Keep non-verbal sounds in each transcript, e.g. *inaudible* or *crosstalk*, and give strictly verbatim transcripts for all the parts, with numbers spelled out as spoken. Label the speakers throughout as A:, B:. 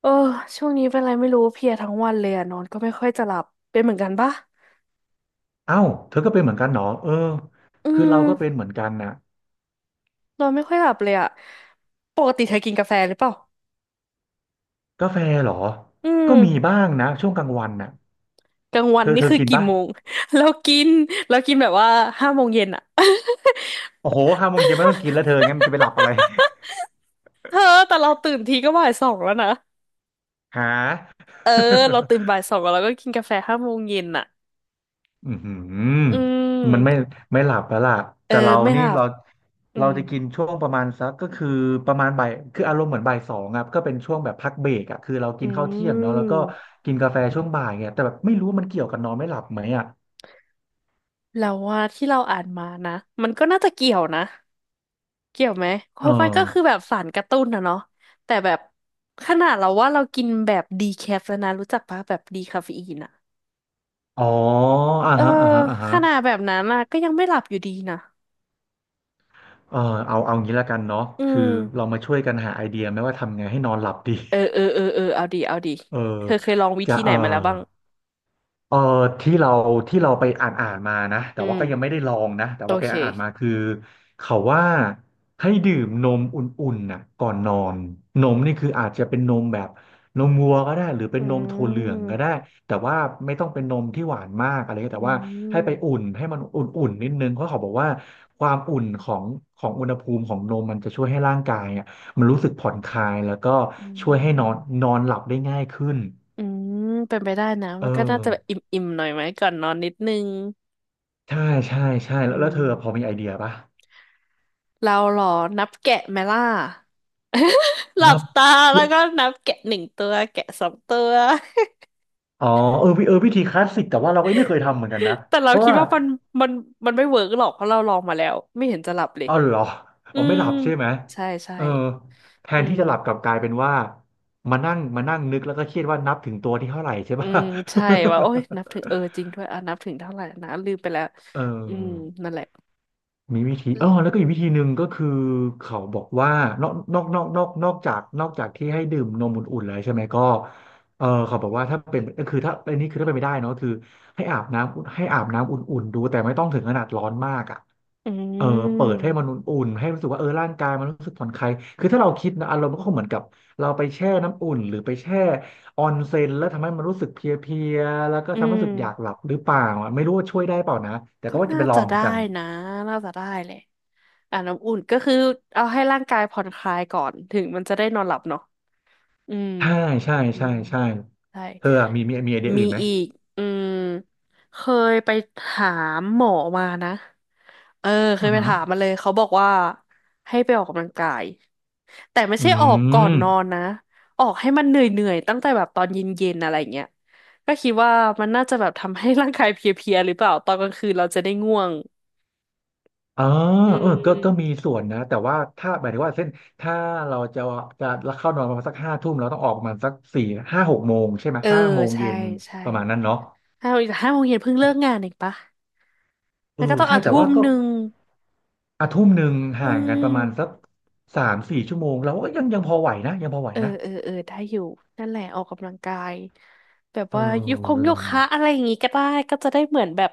A: เออช่วงนี้เป็นอะไรไม่รู้เพลียทั้งวันเลยอะนอนก็ไม่ค่อยจะหลับเป็นเหมือนกันปะ
B: เอ้าเธอก็เป็นเหมือนกันเหรอเออ
A: อื
B: คือเราก็เป็น
A: ม
B: เหมือนกันนะ
A: นอนไม่ค่อยหลับเลยอะปกติเธอกินกาแฟหรือเปล่า
B: กาแฟเหรอ
A: อื
B: ก็
A: ม
B: มีบ้างนะช่วงกลางวันน่ะ
A: กลางวั
B: เธ
A: น
B: อ
A: นี่
B: เธอ
A: คือ
B: กิน
A: กี่
B: ปะ
A: โมง *laughs* เรากินเรากินแบบว่าห้าโมงเย็นอะ
B: โอ้โหห้าโมงเย็นไม่ต้องกินแล้วเธองั้นจะไปหลับอะไร
A: *laughs* เธอแต่เราตื่นทีก็บ่ายสองแล้วนะ
B: *laughs* หา
A: เออเราตื่นบ่ายสองแล้วเราก็กินกาแฟห้าโมงเย็นอะ
B: อือหือ
A: อื
B: มันไม่
A: ม
B: ไม่หลับแล้วล่ะ
A: เออ
B: แต่เรา
A: ไม่ห
B: นี่
A: ลับ
B: เรา
A: อื
B: เรา
A: ม
B: จะกินช่วงประมาณสักก็คือประมาณบ่ายคืออารมณ์เหมือนบ่ายสองครับก็เป็นช่วงแบบพักเบรกอ่ะคือเรา
A: อื
B: กินข้าวเที่ยงเนาะแล้วก็
A: ม
B: กินกาแฟช่วงบ่ายไงแต่แบบไม่รู้ว่ามันเกี่ยวกับนอนไม่หลับไหมอ่ะ
A: แล้วว่าที่เราอ่านมานะมันก็น่าจะเกี่ยวนะ เกี่ยวไหมเพ
B: เอ
A: ราะมันก็คือ
B: อ
A: แบบสารกระตุ้นนะเนาะแต่แบบขนาดเราว่าเรากินแบบดีแคฟแล้วนะรู้จักปะแบบดีคาเฟอีนอะ
B: อ๋ออ่า
A: เออ
B: ฮะอ่าฮะอ่าฮะ
A: ขนาดแบบนั้นอะก็ยังไม่หลับอยู่ดีนะ
B: เออเอาเอางี้ละกันเนาะ
A: อื
B: คือ
A: ม
B: เรามาช่วยกันหาไอเดียไหมว่าทำไงให้นอนหลับดี
A: เออเออ
B: *laughs*
A: เออเออเอาดีเอาดี
B: เออ
A: เธอเคยลองวิ
B: จะ
A: ธีไห
B: เอ
A: น
B: อ
A: มาแล้วบ้าง
B: เออที่เราที่เราไปอ่านอ่านมานะแต่
A: อื
B: ว่าก็ยังไม่
A: ม
B: ได้ลองนะแต่
A: โอ
B: ว่าไป
A: เค
B: อ่านอ่านมาคือเขาว่าให้ดื่มนมอุ่นๆน่ะก่อนนอนนมนี่คืออาจจะเป็นนมแบบนมวัวก็ได้หรือเป็
A: อื
B: นนมถั่วเหลืองก็ได้
A: ม
B: แต่ว่าไม่ต้องเป็นนมที่หวานมากอะไรเงี้ย
A: อื
B: แต่ว่าให้ไป
A: ม
B: อุ่นให้มันอุ่นๆนิดนึงเพราะเขาบอกว่าความอุ่นของของอุณหภูมิของนมมันจะช่วยให้ร่างกายอ่ะมันรู้สึกผ่อนคลายแล้วก็
A: อื
B: ช่วยให้นอน
A: ม
B: นอนหลับได้ง่ายขึ้น
A: อืมเป็นไปได้นะ
B: เอ
A: มั
B: อ
A: นก็น่าจะแบบอิ่มๆหน่อยไหมก่อนนอนนิดนึง
B: ใช่ใช่ใช่
A: อื
B: แล้วแล้วเธอพอ
A: ม
B: มีไอเดียปะ
A: เราเหรอนับแกะไหมล่ะ หลับ
B: นับ
A: ตาแล้วก็นับแกะหนึ่งตัวแกะสองตัว
B: อ๋อเออวิเออวิธีคลาสสิกแต่ว่าเราก็ไม่เคยทำเหมือนกันนะ
A: แต่เรา
B: เพราะ
A: คิด
B: ว่า
A: ว่ามันมันมันไม่เวิร์กหรอกเพราะเราลองมาแล้วไม่เห็นจะหลับเลย
B: เอาเหรอ
A: อื
B: อ๋อไม่
A: ม
B: หลับใช่ไหม
A: ใช่ใช่
B: เออแท
A: อื
B: นที่
A: ม
B: จะหลับกลับกลายเป็นว่ามานั่งมานั่งนึกแล้วก็เครียดว่านับถึงตัวที่เท่าไหร่ใช่
A: อื
B: ปะ
A: มใช่ว่าโอ๊ยนับถึงเออจริงด้วยอ่ะนับถึงเท่าไหร่นะลืมไปแล้ว
B: *laughs* เออ
A: อืมนั่นแหละ
B: มีวิธีเออแล้วก็อีกวิธีหนึ่งก็คือเขาบอกว่านอกนอกนอกนอกนอกจากนอกจากที่ให้ดื่มนมอุ่นๆแล้วใช่ไหมก็เออเขาบอกว่าถ้าเป็นก็คือถ้าอันนี้คือถ้าเป็นไม่ได้เนอะคือให้อาบน้ำอุ่นให้อาบน้ำอุ่นๆดูแต่ไม่ต้องถึงขนาดร้อนมากอ่ะ
A: อื
B: เออเปิดให้
A: ม
B: มันอุ่นๆให้รู้สึกว่าเออร่างกายมันรู้สึกผ่อนคลายคือถ้าเราคิดนะอารมณ์มันก็คงเหมือนกับเราไปแช่น้ำอุ่นหรือไปแช่ออนเซ็นแล้วทำให้มันรู้สึกเพลียๆแล้วก็
A: อื
B: ทำให้
A: ม
B: รู้สึกอยากหลับหรือเปล่าอะไม่รู้ว่าช่วยได้เปล่านะแต่
A: ก็
B: ก็ว่าจะ
A: น่า
B: ไปลอ
A: จะ
B: งเหมือ
A: ได้
B: นกัน
A: นะน่าจะได้แหละอ่ะน้ำอุ่นก็คือเอาให้ร่างกายผ่อนคลายก่อนถึงมันจะได้นอนหลับเนาะอืม
B: ใช่ใช่
A: อื
B: ใช่
A: ม
B: ใช่
A: ใช่
B: เธออะมีมีมีไอเดีย
A: มี
B: อื่นไหม
A: อีกอืมเคยไปถามหมอมานะ เออเค
B: อื
A: ย
B: อ
A: ไป
B: หือ
A: ถามมาเลย เขาบอกว่าให้ไปออกกำลังกายแต่ไม่ใช่
B: อื
A: ออกก่อน
B: ม
A: นอนนะออกให้มันเหนื่อยๆตั้งแต่แบบตอนเย็นๆอะไรเงี้ยก็คิดว่ามันน่าจะแบบทำให้ร่างกายเพลียๆหรือเปล่าตอนกลางคืนเราจะได้ง่วง
B: อ๋อ
A: อื
B: เออก็ก็มี
A: ม
B: ส่วนนะแต่ว่าถ้าหมายถึงว่าเส้นถ้าเราจะจะเข้านอนประมาณสักห้าทุ่มเราต้องออกประมาณสักสี่ห้าหกโมงใช่ไหม
A: เออ
B: ห้าโมง
A: ใช่
B: เย็น
A: ใช่
B: ประมาณนั้นเนาะ
A: ห้าโมงห้าโมงเย็นเพิ่งเลิกงานเองปะ
B: เอ
A: แล้
B: อ
A: วก็ต้อง
B: ใช่
A: อ่ะ
B: แต่
A: ทุ่
B: ว่า
A: ม
B: ก็
A: หนึ่ง
B: อาทุ่มหนึ่ง
A: อื
B: ห่างกันประมาณสัก
A: ม
B: สามสี่ชั่วโมงเราก็ยังยังพอไหวนะยังพอไหว
A: เออ
B: นะ
A: เออเออได้อยู่นั่นแหละออกกำลังกายแบบ
B: เอ
A: ว่ายุคคง
B: อ
A: โยคะอะไรอย่างงี้ก็ได้ก็จะได้เหมือนแบบ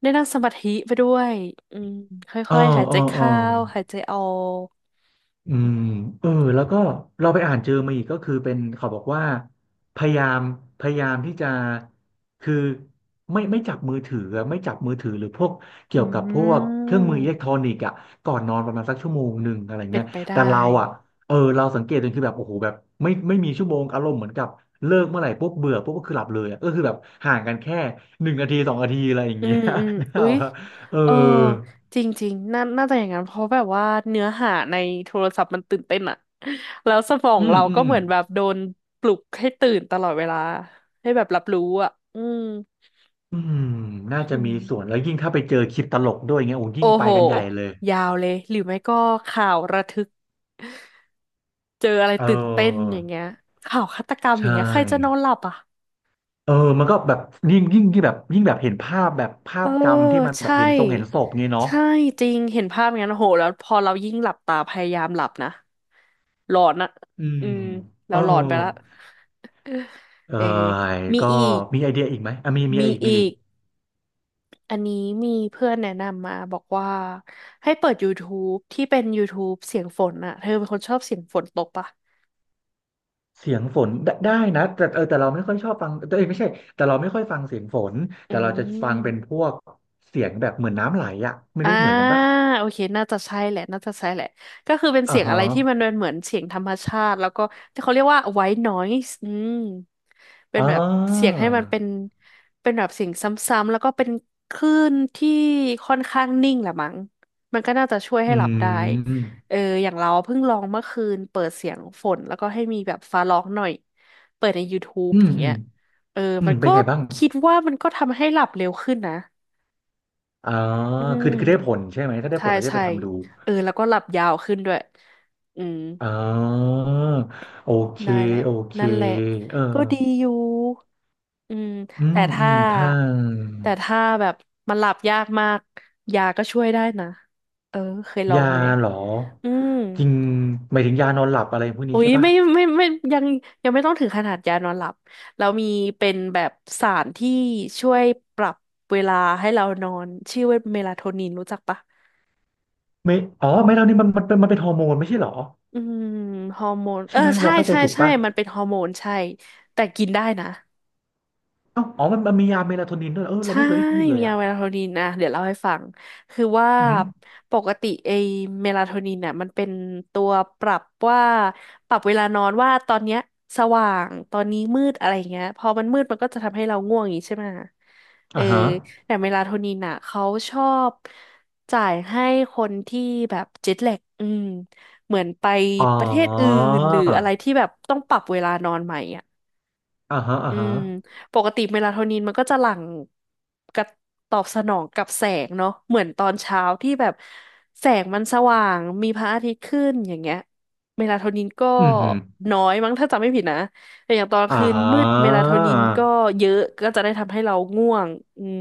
A: ได้นั่งสมาธิไปด้วยอืมค
B: เออ
A: ่อยๆหาย
B: เอ
A: ใจ
B: อเออ
A: เข้าหายใจออก
B: อืมเออแล้วก็เราไปอ่านเจอมาอีกก็คือเป็นเขาบอกว่าพยายามพยายามที่จะคือไม่ไม่จับมือถืออะไม่จับมือถือหรือพวกเกี่
A: อื
B: ยวกับพวกเครื่อง
A: ม
B: มืออิเล็กทรอนิกส์อ่ะก่อนนอนประมาณสักชั่วโมงหนึ่งอะไร
A: เป็
B: เงี้
A: น
B: ย
A: ไป
B: แต่
A: ได้
B: เราอ่ะเออเราสังเกตจนคือแบบโอ้โหแบบไม่ไม่มีชั่วโมงอารมณ์เหมือนกับเลิกเมื่อไหร่ปุ๊บเบื่อปุ๊บก็คือหลับเลยอะก็คือแบบห่างกันแค่หนึ่งนาทีสองนาทีอะไรอย่าง
A: อื
B: เงี้
A: ม
B: ย
A: อืม
B: *laughs* นี่
A: อุ๊
B: เอา
A: ย
B: ครับเออ
A: เออจริงๆน่าน่าจะอย่างนั้นเพราะแบบว่าเนื้อหาในโทรศัพท์มันตื่นเต้นอะแล้วสมอง
B: อืม
A: เรา
B: อืม
A: ก็
B: อื
A: เหมื
B: ม
A: อนแบบโดนปลุกให้ตื่นตลอดเวลาให้แบบรับรู้อะอืม
B: อืมน่า
A: อื
B: จะมีส่วน
A: ม
B: แล้วยิ่งถ้าไปเจอคลิปตลกด้วยเงี้ยโอ้
A: โอ้
B: ยิ่งไป
A: โห
B: กันใหญ่เลย
A: ยาวเลยหรือไม่ก็ข่าวระทึกเจออะไร
B: เอ
A: ตื่นเต้น
B: อ
A: อย่างเงี้ยข่าวฆาตกรรม
B: ใช
A: อย่างเงี้ยใครจะนอน
B: ่
A: หลับอ่ะ
B: เออมันก็แบบยิ่งยิ่งที่แบบยิ่งแบบเห็นภาพแบบภา
A: เออ
B: พจำที่มันแบบ
A: ใช่
B: เห็นทรงเห็นศพงี้เนาะ
A: ใช่จริงเห็นภาพอย่างนั้นโอ้โหแล้วพอเรายิ่งหลับตาพยายามหลับนะหลอนอะ
B: อืม
A: อืม
B: เอ
A: เรา
B: อ
A: หลอนไปละ
B: เออ
A: เออมี
B: ก็
A: อีก
B: มีไอเดียอีกไหมอ่ะมีมีอะ
A: มี
B: ไรอีกมีอะไร
A: อี
B: อี
A: ก
B: ก
A: อันนี้มีเพื่อนแนะนำมาบอกว่าให้เปิด YouTube ที่เป็น YouTube เสียงฝนอะเธอเป็นคนชอบเสียงฝนตกปะ
B: เสียงฝนได้ได้นะแต่เออแต่เราไม่ค่อยชอบฟังเออไม่ใช่แต่เราไม่ค่อยฟังเสียงฝน
A: อื
B: แต่เราจะฟั
A: ม
B: งเป็นพวกเสียงแบบเหมือนน้ำไหลอะไม่
A: อ่า
B: รู้เหมือนกันปะ
A: โอเคน่าจะใช่แหละน่าจะใช่แหละก็คือเป็น
B: อ่า
A: เสียงอะ
B: ฮะ
A: ไรที่มันเป็นเหมือนเสียงธรรมชาติแล้วก็ที่เขาเรียกว่า white noise อืมเป็
B: อ๋
A: น
B: อ
A: แบบเสียงให้มันเป็นเป็นแบบเสียงซ้ำๆแล้วก็เป็นคลื่นที่ค่อนข้างนิ่งแหละมั้งมันก็น่าจะช่วยให้
B: อื
A: หลับได้
B: ม
A: เอออย่างเราเพิ่งลองเมื่อคืนเปิดเสียงฝนแล้วก็ให้มีแบบฟ้าร้องหน่อยเปิดใน YouTube
B: อืม
A: อย่าง
B: อื
A: เงี้
B: ม
A: ยเออ
B: อื
A: มั
B: ม
A: น
B: เป็น
A: ก็
B: ไงบ้าง
A: คิดว่ามันก็ทำให้หลับเร็วขึ้นนะ
B: อ่า
A: อื
B: คื
A: ม
B: อคือได้ผลใช่ไหม ถ้าได้ผ
A: ใช่
B: ลเราจะไป
A: ใช่
B: ทำดู
A: เออแล้วก็หลับยาวขึ้นด้วยอืม
B: อ่าโอเค
A: ได้แหละ
B: โอเค
A: นั่นแหละ
B: เออ
A: ก็ดีอยู่อืม
B: อื
A: แต่
B: มอื
A: ถ้า
B: มถ้า
A: แต่ถ้าแบบมันหลับยากมากยาก็ช่วยได้นะ เออเคยลอ
B: ยา
A: งไหม
B: เหรอ
A: อืม
B: จริงหมายถึงยานอนหลับอะไรพวกนี้
A: อุ๊ย
B: ใช่ปะ
A: ไม่ไม่ไม่ยังยังไม่ต้องถึงขนาดยานอนหลับแล้วมีเป็นแบบสารที่ช่วยปรับเวลาให้เรานอนชื่อว่าเมลาโทนินรู้จักปะ
B: ไม่อ๋อไม่เท่านี้มันมันเป็นมันเป็นฮอร์โมนไม่ใช่เหรอ
A: อืมฮอร์โมน เอ
B: ใช่
A: อ
B: ไหม
A: ใช่
B: เราเข้าใจ
A: ใช่
B: ถูก
A: ใช่
B: ปะ
A: มันเป็นฮอร์โมนใช่ แต่กินได้นะ
B: เอ้าอ๋อมันมันมียาเมลาโทนินด้วยเหรอเออเรา
A: ใช่
B: ไม่เคยได้ยินเล
A: มี
B: ย
A: ยา
B: อ่ะ
A: เมลาโทนินนะเดี๋ยวเล่าให้ฟังคือว่า
B: อืม
A: ปกติไอเมลาโทนินน่ะมันเป็นตัวปรับว่าปรับเวลานอนว่าตอนเนี้ยสว่าง ตอนนี้มืดอะไรเงี้ยพอมันมืดมันก็จะทำให้เราง่วงอย่างงี้ใช่ไหมเอ
B: อหือ
A: อ
B: อ่าฮะ
A: แต่เมลาโทนินน่ะเขาชอบจ่ายให้คนที่แบบเจ็ตแลกอืมเหมือนไป
B: อ๋อ
A: ประเทศอื่นหรืออะไรที่แบบต้องปรับเวลานอนใหม่อ่ะ
B: อ่าฮะอ่า
A: อื
B: ฮะ
A: มปกติเมลาโทนินมันก็จะหลั่งกับตอบสนองกับแสงเนาะเหมือนตอนเช้าที่แบบแสงมันสว่างมีพระอาทิตย์ขึ้นอย่างเงี้ยเมลาโทนินก็
B: อืม
A: น้อยมั้งถ้าจำไม่ผิดนะแต่อย่างตอนกลาง
B: อ่า
A: คืนมืดเมลาโทนินก็เยอะก็จะได้ทำให้เราง่วงอืม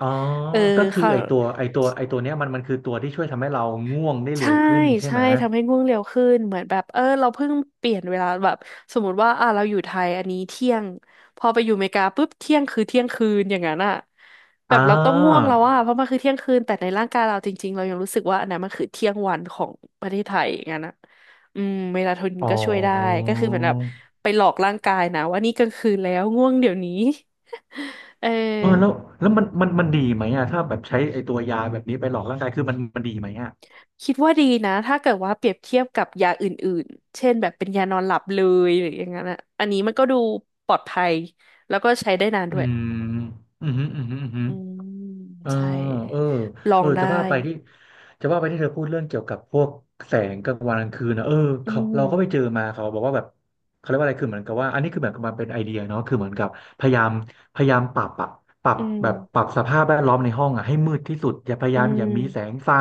B: อ๋อ
A: เออ
B: ก็คือ
A: ค่ะ
B: ไอตัวไอตัวไอตัวเนี้ยมันมันคือตัวที่ช่วยทำให้เราง่วงได้เร็
A: ใช่
B: วขึ้นใช่
A: ใช่
B: ไหม
A: ทำให้ง่วงเร็วขึ้นเหมือนแบบเออเราเพิ่งเปลี่ยนเวลาแบบสมมติว่าอ่ะเราอยู่ไทยอันนี้เที่ยงพอไปอยู่อเมริกาปุ๊บเที่ยงคือเที่ยงคืนอย่างนั้นอ่ะแบ
B: อ่
A: บเราต้องง่วง
B: า
A: แล้วอ่ะเพราะมันคือเที่ยงคืนแต่ในร่างกายเราจริงๆเรายังรู้สึกว่าอันนั้นมันคือเที่ยงวันของประเทศไทยอย่างนั้นอ่ะอืมเมลาโทนิน
B: อ๋
A: ก็ช่วยได้
B: อ
A: ก็คือเหมือนแบบไปหลอกร่างกายนะว่านี่กลางคืนแล้วง่วงเดี๋ยวนี้ *laughs* เออ
B: เออแล้วแล้วมันมันมันดีไหมอ่ะถ้าแบบใช้ไอตัวยาแบบนี้ไปหลอกร่างกายคือมันมันดีไหมอ่ะ
A: คิดว่าดีนะถ้าเกิดว่าเปรียบเทียบกับยาอื่นๆเช่นแบบเป็นยานอนหลับเลยหรืออย่างนั้นอะอันนี้มันก็ดูปลอดภัยแล้วก็ใช้ได้นาน
B: อื
A: ด้วย
B: มอืมอหืมออืมอหืม
A: อืม
B: เออ
A: ใช่
B: เออ
A: ล
B: เอ
A: อ
B: อ
A: ง
B: จะ
A: ได้
B: ว่าไปที่จะว่าไปที่เธอพูดเรื่องเกี่ยวกับพวกแสงกลางวันกลางคืนนะเออ
A: อื
B: เขาเราก็ไปเจอ
A: ม
B: มาเขาบอกว่าแบบเขาเรียกว่าอะไรคือเหมือนกับว่าอันนี้คือเบอบมันเป็นไอเดียเนาะคือเหมือนกับพยายามพยายามปรับอะปรับ
A: อืม
B: แบบปรับสภาพแวดล้อมในห้องอะให้มืดที่สุดอย่าพยา
A: อื
B: ยามอย่ามีแสง
A: ม
B: ไฟ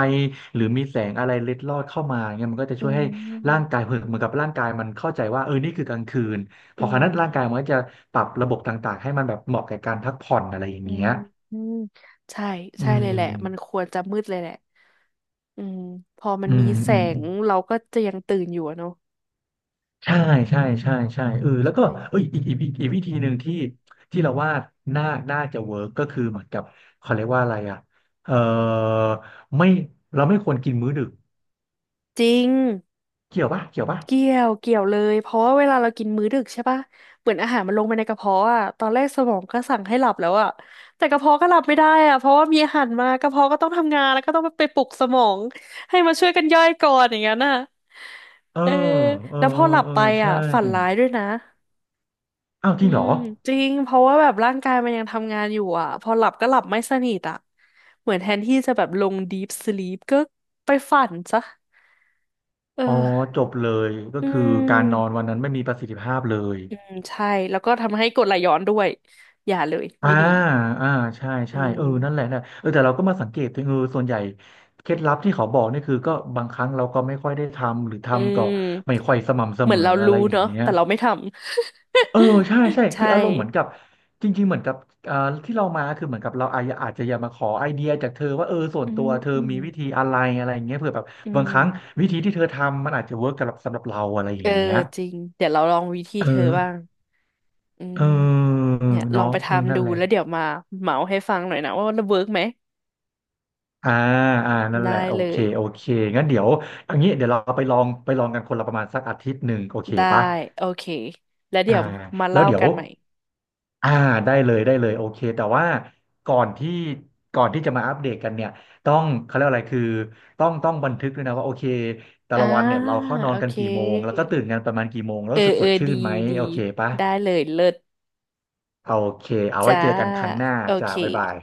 B: หรือมีแสงอะไรเล็ดลอดเข้ามาเงี้ยมันก็จะ
A: อื
B: ช่วยให้ร่า
A: ม
B: งกายเหมือนกับร่างกายมันเข้าใจว่าเออนี่คือกลางคืนพ
A: อื
B: อครั้งนั้นร่างกายมั
A: ม
B: นก็จะปรับระบบต่างๆให้มันแบบเหมาะแก่การพักผ่อนอะไรอย่าง
A: อื
B: เงี้
A: ม
B: ย
A: อืมใช่
B: อื
A: ใช่เลยแห
B: ม
A: ละมันควรจะมืดเลยแหละอืมพอมัน
B: อื
A: มี
B: ม
A: แส
B: อืม
A: งเราก็จะยังตื่นอยู่อะเนาะ
B: ใช่
A: อื
B: ใช่ใช่
A: ม
B: ใช่เออแล้วก็
A: ใช่
B: เอ้ยอีกอีกอีกอีกวิธีหนึ่งที่ที่เราว่าน่าน่าจะเวิร์กก็คือเหมือนกับเขาเรียกว่าอะไรอ่ะเออไม่เราไม่ควรกินมื้อดึก
A: จริง
B: เกี่ยวปะเกี่ยวปะ
A: เกี่ยวเกี่ยวเลยเพราะว่าเวลาเรากินมื้อดึกใช่ปะเหมือนอาหารมันลงไปในกระเพาะอ่ะตอนแรกสมองก็สั่งให้หลับแล้วอ่ะแต่กระเพาะก็หลับไม่ได้อ่ะเพราะว่ามีอาหารมากระเพาะก็ต้องทำงานแล้วก็ต้องไปปลุกสมองให้มาช่วยกันย่อยก่อนอย่างนั้นน่ะ
B: เออ
A: เออ
B: เออ
A: แล้วพ
B: เอ
A: อ
B: อ
A: หลับ
B: เออ
A: ไปอ่ะ
B: ใช่
A: ฝันร้ายด้วยนะ
B: อ้าวจ
A: อื
B: ริงเหรอ
A: มจริงเพราะว่าแบบร่างกายมันยังทำงานอยู่อ่ะพอหลับก็หลับไม่สนิทอ่ะเหมือนแทนที่จะแบบลง deep sleep ก็ไปฝันซะเออ
B: อ๋อจบเลยก็
A: อื
B: คือการนอนวั
A: ม
B: นนั้นไม่มีประสิทธิภาพเลย
A: อืมใช่แล้วก็ทำให้กรดไหลย้อนด้วยอย่าเลย
B: อ่า
A: ไม่ดี
B: อ่าใช่
A: อื
B: ใช่เอ
A: ม
B: อนั่นแหละนะเออแต่เราก็มาสังเกตตัวเองเออส่วนใหญ่เคล็ดลับที่เขาบอกนี่คือก็บางครั้งเราก็ไม่ค่อยได้ทำหรือ
A: อื
B: ทำก็ไม่ค่
A: ม
B: อยสม่ำเส
A: เหมื
B: ม
A: อน
B: อ
A: เรา
B: อะไร
A: รู้
B: อย่าง
A: เนาะ
B: เงี้ย
A: แต่เราไม่ทำ
B: เออใช่ใช่
A: *laughs*
B: คื
A: ใช่
B: ออารมณ์เหมือนกับจริงๆเหมือนกับอ่าที่เรามาคือเหมือนกับเราอาจจะอาจจะอยากมาขอไอเดียจากเธอว่าเออส่ว
A: อื
B: นตั
A: ม
B: วเธอ
A: อืม
B: มีวิธีอะไรอะไรอย่างเงี้ยเผื่อแบบ
A: อื
B: บาง
A: ม
B: ครั้งวิธีที่เธอทำมันอาจจะเวิร์กสำหรับสำหรับเราอะไรอ
A: เอ
B: ย่า
A: อ
B: งเงี้ย
A: จริงเดี๋ยวเราลองวิธี
B: เออ
A: เธอบ้างอื
B: เอ
A: ม
B: อ
A: เนี่ยลอ
B: เนาะ
A: งไป
B: อืม
A: ทำ
B: นั่
A: ดู
B: นแหละ
A: แล้วเดี๋ยวมาเมาให้ฟังหน่อยนะว่ามันเวิร์กไหม
B: อ่าอ่านั่นแห
A: ได้
B: ละโอ
A: เล
B: เค
A: ย
B: โอเคงั้นเดี๋ยวอย่างนี้เดี๋ยวเราไปลองไปลองกันคนละประมาณสักอาทิตย์หนึ่งโอเค
A: ได้
B: ปะ
A: โอเคแล้ว
B: อ่า
A: เดี๋ยวมา
B: แล้ว
A: เล่า
B: เดี๋ย
A: กั
B: ว
A: นใหม่
B: อ่าได้เลยได้เลยโอเคแต่ว่าก่อนที่ก่อนที่จะมาอัปเดตกันเนี่ยต้องเขาเรียกอะไรคือต้องต้องบันทึกด้วยนะว่าโอเคแต่
A: อ่า
B: ละวันเนี่ยเราเข้านอ
A: โอ
B: นกัน
A: เค
B: กี่โมงแล้วก็ตื่นกันประมาณกี่โมงแล้ว
A: เออ
B: รู้สึก
A: เอ
B: ส
A: อ
B: ดชื่
A: ดี
B: นไหม
A: ดี
B: โอเคปะ
A: ได้เลยเลิศ
B: โอเคเอาไว้
A: จ้า
B: เจอกันครั้งหน้า
A: โอ
B: จ้า
A: เค
B: บ๊ายบาย